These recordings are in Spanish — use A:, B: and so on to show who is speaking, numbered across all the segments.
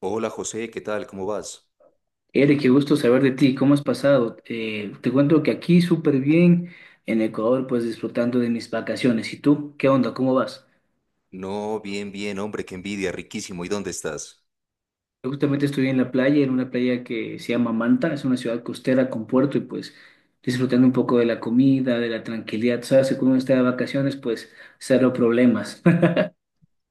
A: Hola José, ¿qué tal? ¿Cómo vas?
B: Eric, qué gusto saber de ti, ¿cómo has pasado? Te cuento que aquí súper bien, en Ecuador, pues disfrutando de mis vacaciones. ¿Y tú? ¿Qué onda? ¿Cómo vas?
A: No, bien, bien, hombre, qué envidia, riquísimo. ¿Y dónde estás?
B: Yo justamente estoy en la playa, en una playa que se llama Manta, es una ciudad costera con puerto y pues disfrutando un poco de la comida, de la tranquilidad. Sabes que cuando uno está de vacaciones, pues cero problemas.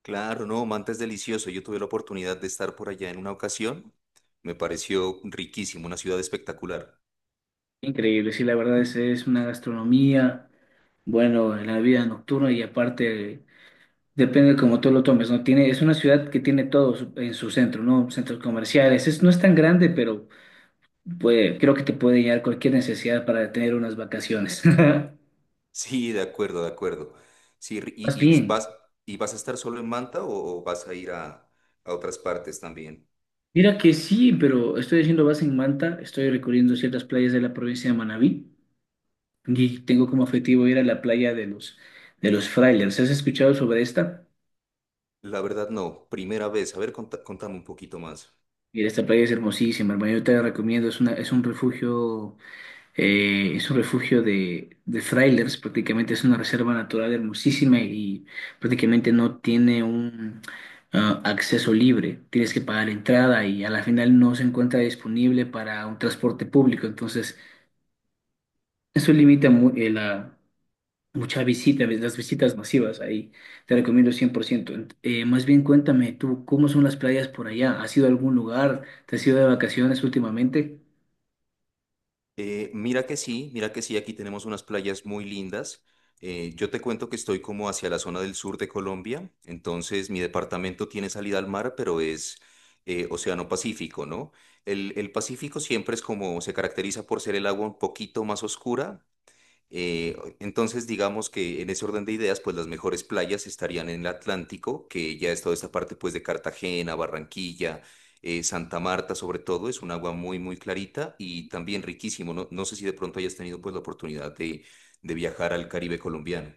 A: Claro, no, Manta es delicioso. Yo tuve la oportunidad de estar por allá en una ocasión. Me pareció riquísimo, una ciudad espectacular.
B: Increíble, sí, la verdad es una gastronomía, bueno, la vida nocturna y aparte. Depende de cómo tú lo tomes, ¿no? Tiene, es una ciudad que tiene todo en su centro, ¿no? Centros comerciales. No es tan grande, pero creo que te puede llegar cualquier necesidad para tener unas vacaciones.
A: Sí, de acuerdo, de acuerdo. Sí, ri-
B: Más
A: y, y
B: bien,
A: vas, ¿Y vas a estar solo en Manta o vas a ir a otras partes también?
B: mira que sí, pero estoy haciendo base en Manta, estoy recorriendo ciertas playas de la provincia de Manabí y tengo como objetivo ir a la playa de los Frailers. ¿Has escuchado sobre esta?
A: La verdad, no, primera vez. A ver, contame un poquito más.
B: Mira, esta playa es hermosísima, hermano, yo te la recomiendo, es un refugio. Es un refugio de trailers, prácticamente es una reserva natural hermosísima y prácticamente no tiene un acceso libre. Tienes que pagar entrada y a la final no se encuentra disponible para un transporte público. Entonces, eso limita mucha visita, las visitas masivas ahí. Te recomiendo 100%. Más bien cuéntame tú, ¿cómo son las playas por allá? ¿Has ido a algún lugar? ¿Te has ido de vacaciones últimamente?
A: Mira que sí, mira que sí, aquí tenemos unas playas muy lindas. Yo te cuento que estoy como hacia la zona del sur de Colombia, entonces mi departamento tiene salida al mar, pero es Océano Pacífico, ¿no? El Pacífico siempre es como, se caracteriza por ser el agua un poquito más oscura, entonces, digamos que en ese orden de ideas, pues las mejores playas estarían en el Atlántico, que ya es toda esta parte pues de Cartagena, Barranquilla, Santa Marta sobre todo, es un agua muy, muy clarita y también riquísimo. No, no sé si de pronto hayas tenido pues la oportunidad de viajar al Caribe colombiano.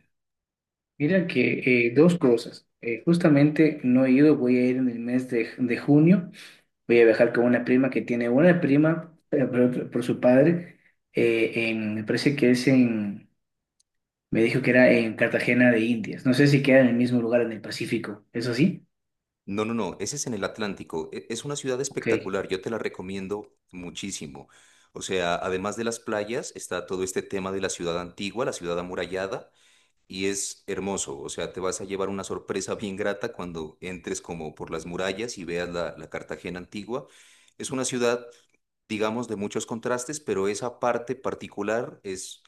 B: Mira que dos cosas. Justamente no he ido, voy a ir en el mes de junio. Voy a viajar con una prima que tiene una prima por su padre. Me parece que es me dijo que era en Cartagena de Indias. No sé si queda en el mismo lugar en el Pacífico. ¿Es así?
A: No, no, no, ese es en el Atlántico. Es una ciudad
B: Ok.
A: espectacular, yo te la recomiendo muchísimo. O sea, además de las playas, está todo este tema de la ciudad antigua, la ciudad amurallada. Y es hermoso, o sea, te vas a llevar una sorpresa bien grata cuando entres como por las murallas y veas la Cartagena antigua. Es una ciudad, digamos, de muchos contrastes, pero esa parte particular es,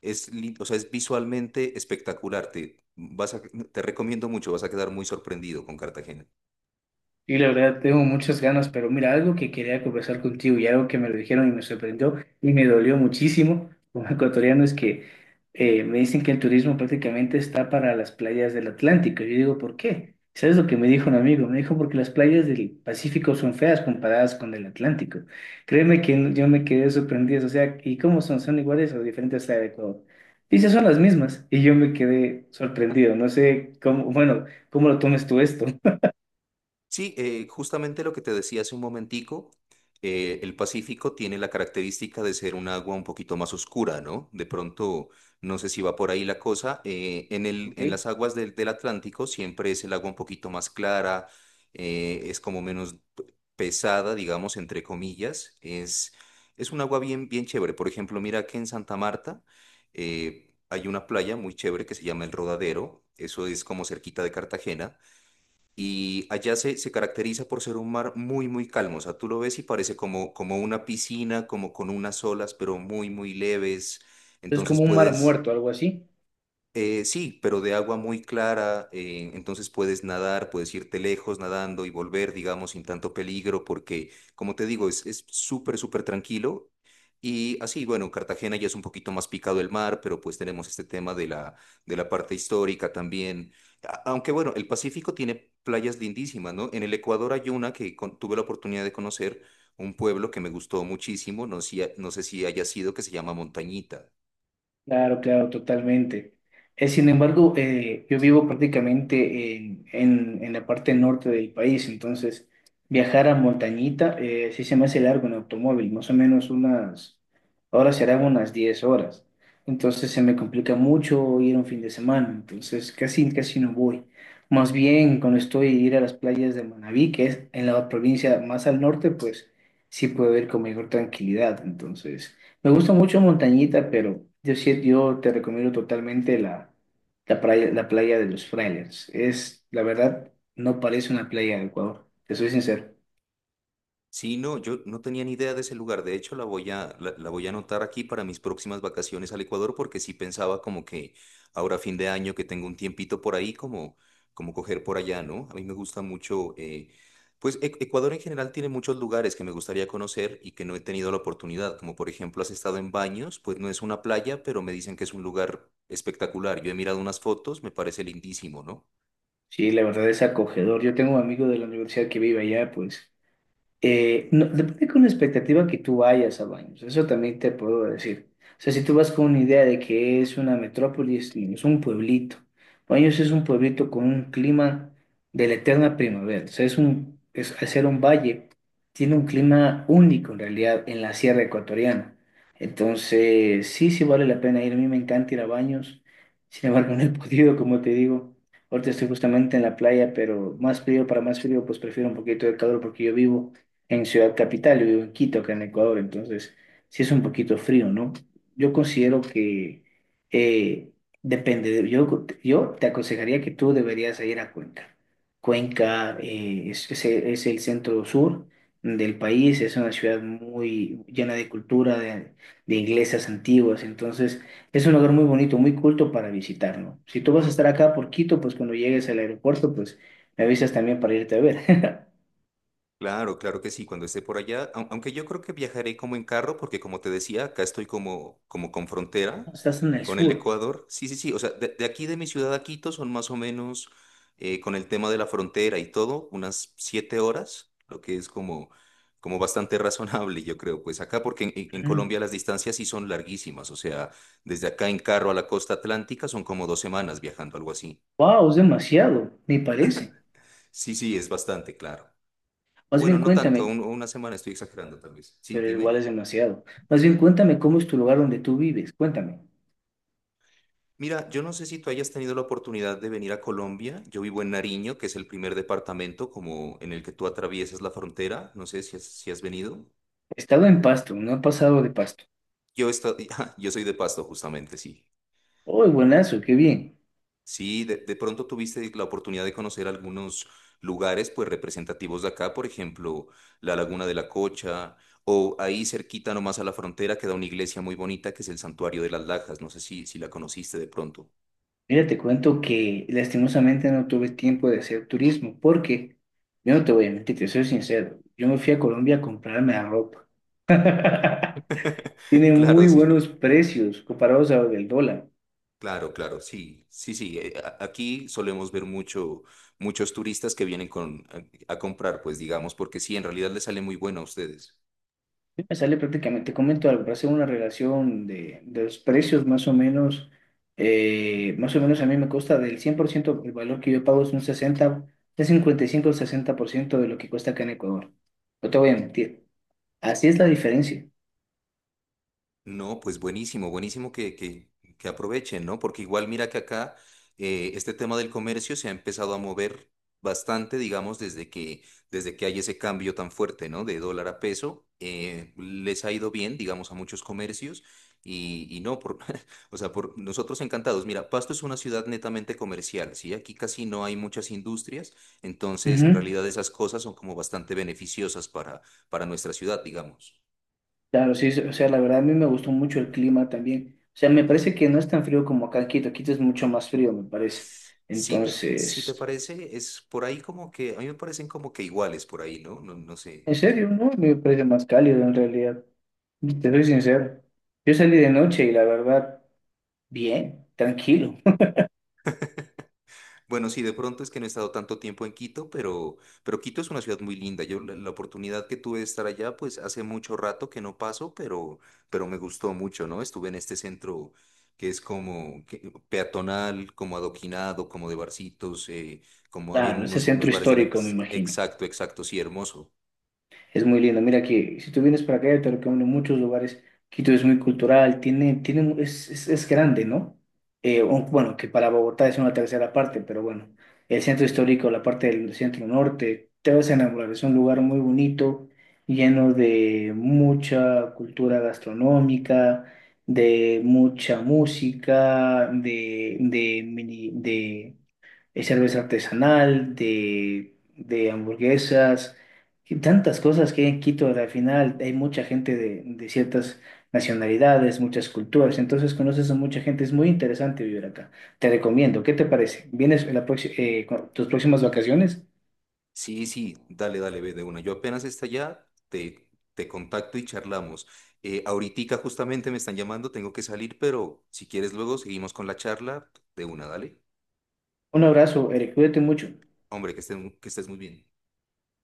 A: es, lin- o sea, es visualmente espectacular. Te recomiendo mucho, vas a quedar muy sorprendido con Cartagena.
B: Y la verdad, tengo muchas ganas, pero mira, algo que quería conversar contigo y algo que me lo dijeron y me sorprendió y me dolió muchísimo como ecuatoriano es que me dicen que el turismo prácticamente está para las playas del Atlántico. Yo digo, ¿por qué? ¿Sabes lo que me dijo un amigo? Me dijo, porque las playas del Pacífico son feas comparadas con el Atlántico. Créeme que yo me quedé sorprendido. O sea, ¿y cómo son? ¿Son iguales o diferentes a Ecuador? Dice, son las mismas. Y yo me quedé sorprendido. No sé cómo, bueno, ¿cómo lo tomes tú esto?
A: Sí, justamente lo que te decía hace un momentico, el Pacífico tiene la característica de ser un agua un poquito más oscura, ¿no? De pronto, no sé si va por ahí la cosa,
B: ¿Ok?
A: en las aguas del Atlántico siempre es el agua un poquito más clara, es como menos pesada, digamos, entre comillas, es un agua bien, bien chévere. Por ejemplo, mira que en Santa Marta hay una playa muy chévere que se llama El Rodadero, eso es como cerquita de Cartagena. Y allá se caracteriza por ser un mar muy, muy calmo. O sea, tú lo ves y parece como, como una piscina, como con unas olas, pero muy, muy leves.
B: Es
A: Entonces
B: como un mar
A: puedes,
B: muerto, algo así.
A: sí, pero de agua muy clara, entonces puedes nadar, puedes irte lejos nadando y volver, digamos, sin tanto peligro, porque, como te digo, es súper, súper tranquilo. Y así, bueno, Cartagena ya es un poquito más picado el mar, pero pues tenemos este tema de de la parte histórica también. Aunque bueno, el Pacífico tiene playas lindísimas, ¿no? En el Ecuador hay una que tuve la oportunidad de conocer, un pueblo que me gustó muchísimo, no, sé si- no sé si haya sido, que se llama Montañita.
B: Claro, claro, totalmente. Sin embargo, yo vivo prácticamente en la parte norte del país, entonces viajar a Montañita sí se me hace largo en automóvil, más o menos ahora serán unas 10 horas. Entonces se me complica mucho ir un fin de semana, entonces casi, casi no voy. Más bien cuando estoy ir a las playas de Manabí, que es en la provincia más al norte, pues sí puedo ir con mayor tranquilidad, entonces... Me gusta mucho Montañita, pero yo sí, yo te recomiendo totalmente la playa de los Frailes. La verdad, no parece una playa de Ecuador, te soy sincero.
A: Sí, no, yo no tenía ni idea de ese lugar. De hecho, la voy a anotar aquí para mis próximas vacaciones al Ecuador, porque sí pensaba como que ahora fin de año que tengo un tiempito por ahí, como coger por allá, ¿no? A mí me gusta mucho, Ecuador en general tiene muchos lugares que me gustaría conocer y que no he tenido la oportunidad. Como por ejemplo, has estado en Baños, pues no es una playa, pero me dicen que es un lugar espectacular. Yo he mirado unas fotos, me parece lindísimo, ¿no?
B: Sí, la verdad es acogedor. Yo tengo un amigo de la universidad que vive allá, pues. No, depende con la expectativa que tú vayas a Baños, eso también te puedo decir. O sea, si tú vas con una idea de que es una metrópolis, no, es un pueblito. Baños es un pueblito con un clima de la eterna primavera. O sea, al ser un valle, tiene un clima único en realidad en la sierra ecuatoriana. Entonces, sí, sí vale la pena ir. A mí me encanta ir a Baños. Sin embargo, no he podido, como te digo. Ahorita estoy justamente en la playa, pero más frío para más frío, pues prefiero un poquito de calor porque yo vivo en Ciudad Capital, yo vivo en Quito, acá en Ecuador, entonces sí es un poquito frío, ¿no? Yo considero que eh, depende, yo te aconsejaría que tú deberías ir a Cuenca. Cuenca es el centro sur del país, es una ciudad muy llena de cultura, de iglesias antiguas, entonces es un lugar muy bonito, muy culto para visitar, ¿no? Si tú vas a estar acá por Quito, pues cuando llegues al aeropuerto, pues me avisas también para irte a ver.
A: Claro, claro que sí, cuando esté por allá, aunque yo creo que viajaré como en carro, porque como te decía, acá estoy como, como con frontera
B: Estás en el
A: con el
B: sur.
A: Ecuador. Sí, sí, sí, o sea, de aquí de mi ciudad a Quito son más o menos con el tema de la frontera y todo, unas 7 horas, lo que es como, como bastante razonable, yo creo, pues acá, porque en Colombia las distancias sí son larguísimas, o sea, desde acá en carro a la costa atlántica son como 2 semanas viajando, algo así.
B: Wow, es demasiado, me parece.
A: Sí, sí, es bastante, claro. O
B: Más
A: bueno,
B: bien
A: no tanto,
B: cuéntame,
A: una semana estoy exagerando tal vez. Sí,
B: pero igual es
A: dime.
B: demasiado. Más bien
A: Sí.
B: cuéntame cómo es tu lugar donde tú vives. Cuéntame.
A: Mira, yo no sé si tú hayas tenido la oportunidad de venir a Colombia. Yo vivo en Nariño, que es el primer departamento como en el que tú atraviesas la frontera. No sé si has, si has venido.
B: He estado en Pasto, no he pasado de Pasto.
A: Yo, yo soy de Pasto, justamente, sí.
B: ¡Oh, buenazo, qué bien!
A: Sí, de pronto tuviste la oportunidad de conocer algunos lugares pues representativos de acá, por ejemplo, la Laguna de la Cocha, o ahí cerquita nomás a la frontera queda una iglesia muy bonita que es el Santuario de las Lajas. No sé si, si la conociste de pronto.
B: Mira, te cuento que lastimosamente no tuve tiempo de hacer turismo porque yo no te voy a mentir, te soy sincero. Yo me fui a Colombia a comprarme la ropa. Tiene muy
A: Claro, sí,
B: buenos precios comparados a del dólar.
A: claro, claro, sí, sí, sí. Aquí solemos ver mucho, muchos turistas que vienen con, a comprar, pues digamos, porque sí, en realidad les sale muy bueno a ustedes.
B: Me sale prácticamente, te comento algo, para hacer una relación de los precios más o menos a mí me cuesta del 100% el valor que yo pago es un 60, de 55 o ciento de lo que cuesta acá en Ecuador. No te voy a mentir, así es la diferencia.
A: No, pues buenísimo, que aprovechen, ¿no? Porque igual mira que acá este tema del comercio se ha empezado a mover bastante, digamos, desde que hay ese cambio tan fuerte, ¿no? De dólar a peso, les ha ido bien, digamos, a muchos comercios y no, por, o sea, por nosotros encantados. Mira, Pasto es una ciudad netamente comercial, ¿sí? Aquí casi no hay muchas industrias, entonces en
B: Ujú.
A: realidad esas cosas son como bastante beneficiosas para nuestra ciudad, digamos.
B: Claro, sí, o sea, la verdad a mí me gustó mucho el clima también. O sea, me parece que no es tan frío como acá en Quito, Quito es mucho más frío, me parece.
A: Si te
B: Entonces,
A: parece, es por ahí como que, a mí me parecen como que iguales por ahí, ¿no? No, no sé.
B: en serio, no, me parece más cálido en realidad. Te soy sincero. Yo salí de noche y la verdad, bien, tranquilo.
A: Bueno, sí, de pronto es que no he estado tanto tiempo en Quito, pero Quito es una ciudad muy linda. La oportunidad que tuve de estar allá, pues hace mucho rato que no paso, pero me gustó mucho, ¿no? Estuve en este centro que es como peatonal, como adoquinado, como de barcitos,
B: Claro, ese centro
A: unos bares de...
B: histórico, me imagino.
A: Exacto, exacto, sí, hermoso.
B: Es muy lindo. Mira que si tú vienes para acá, yo te recomiendo muchos lugares. Quito es muy cultural, tiene, tiene, mu- es grande, ¿no? Bueno, que para Bogotá es una tercera parte, pero bueno, el centro histórico, la parte del centro norte, te vas a enamorar. Es un lugar muy bonito, lleno de mucha cultura gastronómica, de mucha música, de cerveza artesanal, de hamburguesas, y tantas cosas que hay en Quito. Al final hay mucha gente de ciertas nacionalidades, muchas culturas, entonces conoces a mucha gente, es muy interesante vivir acá. Te recomiendo, ¿qué te parece? ¿Vienes con tus próximas vacaciones?
A: Sí, sí, dale, dale, ve de una. Yo apenas esté allá, te contacto y charlamos. Ahoritica justamente me están llamando, tengo que salir, pero si quieres luego seguimos con la charla de una, dale.
B: Un abrazo, Eric, cuídate mucho.
A: Hombre, que estés muy bien.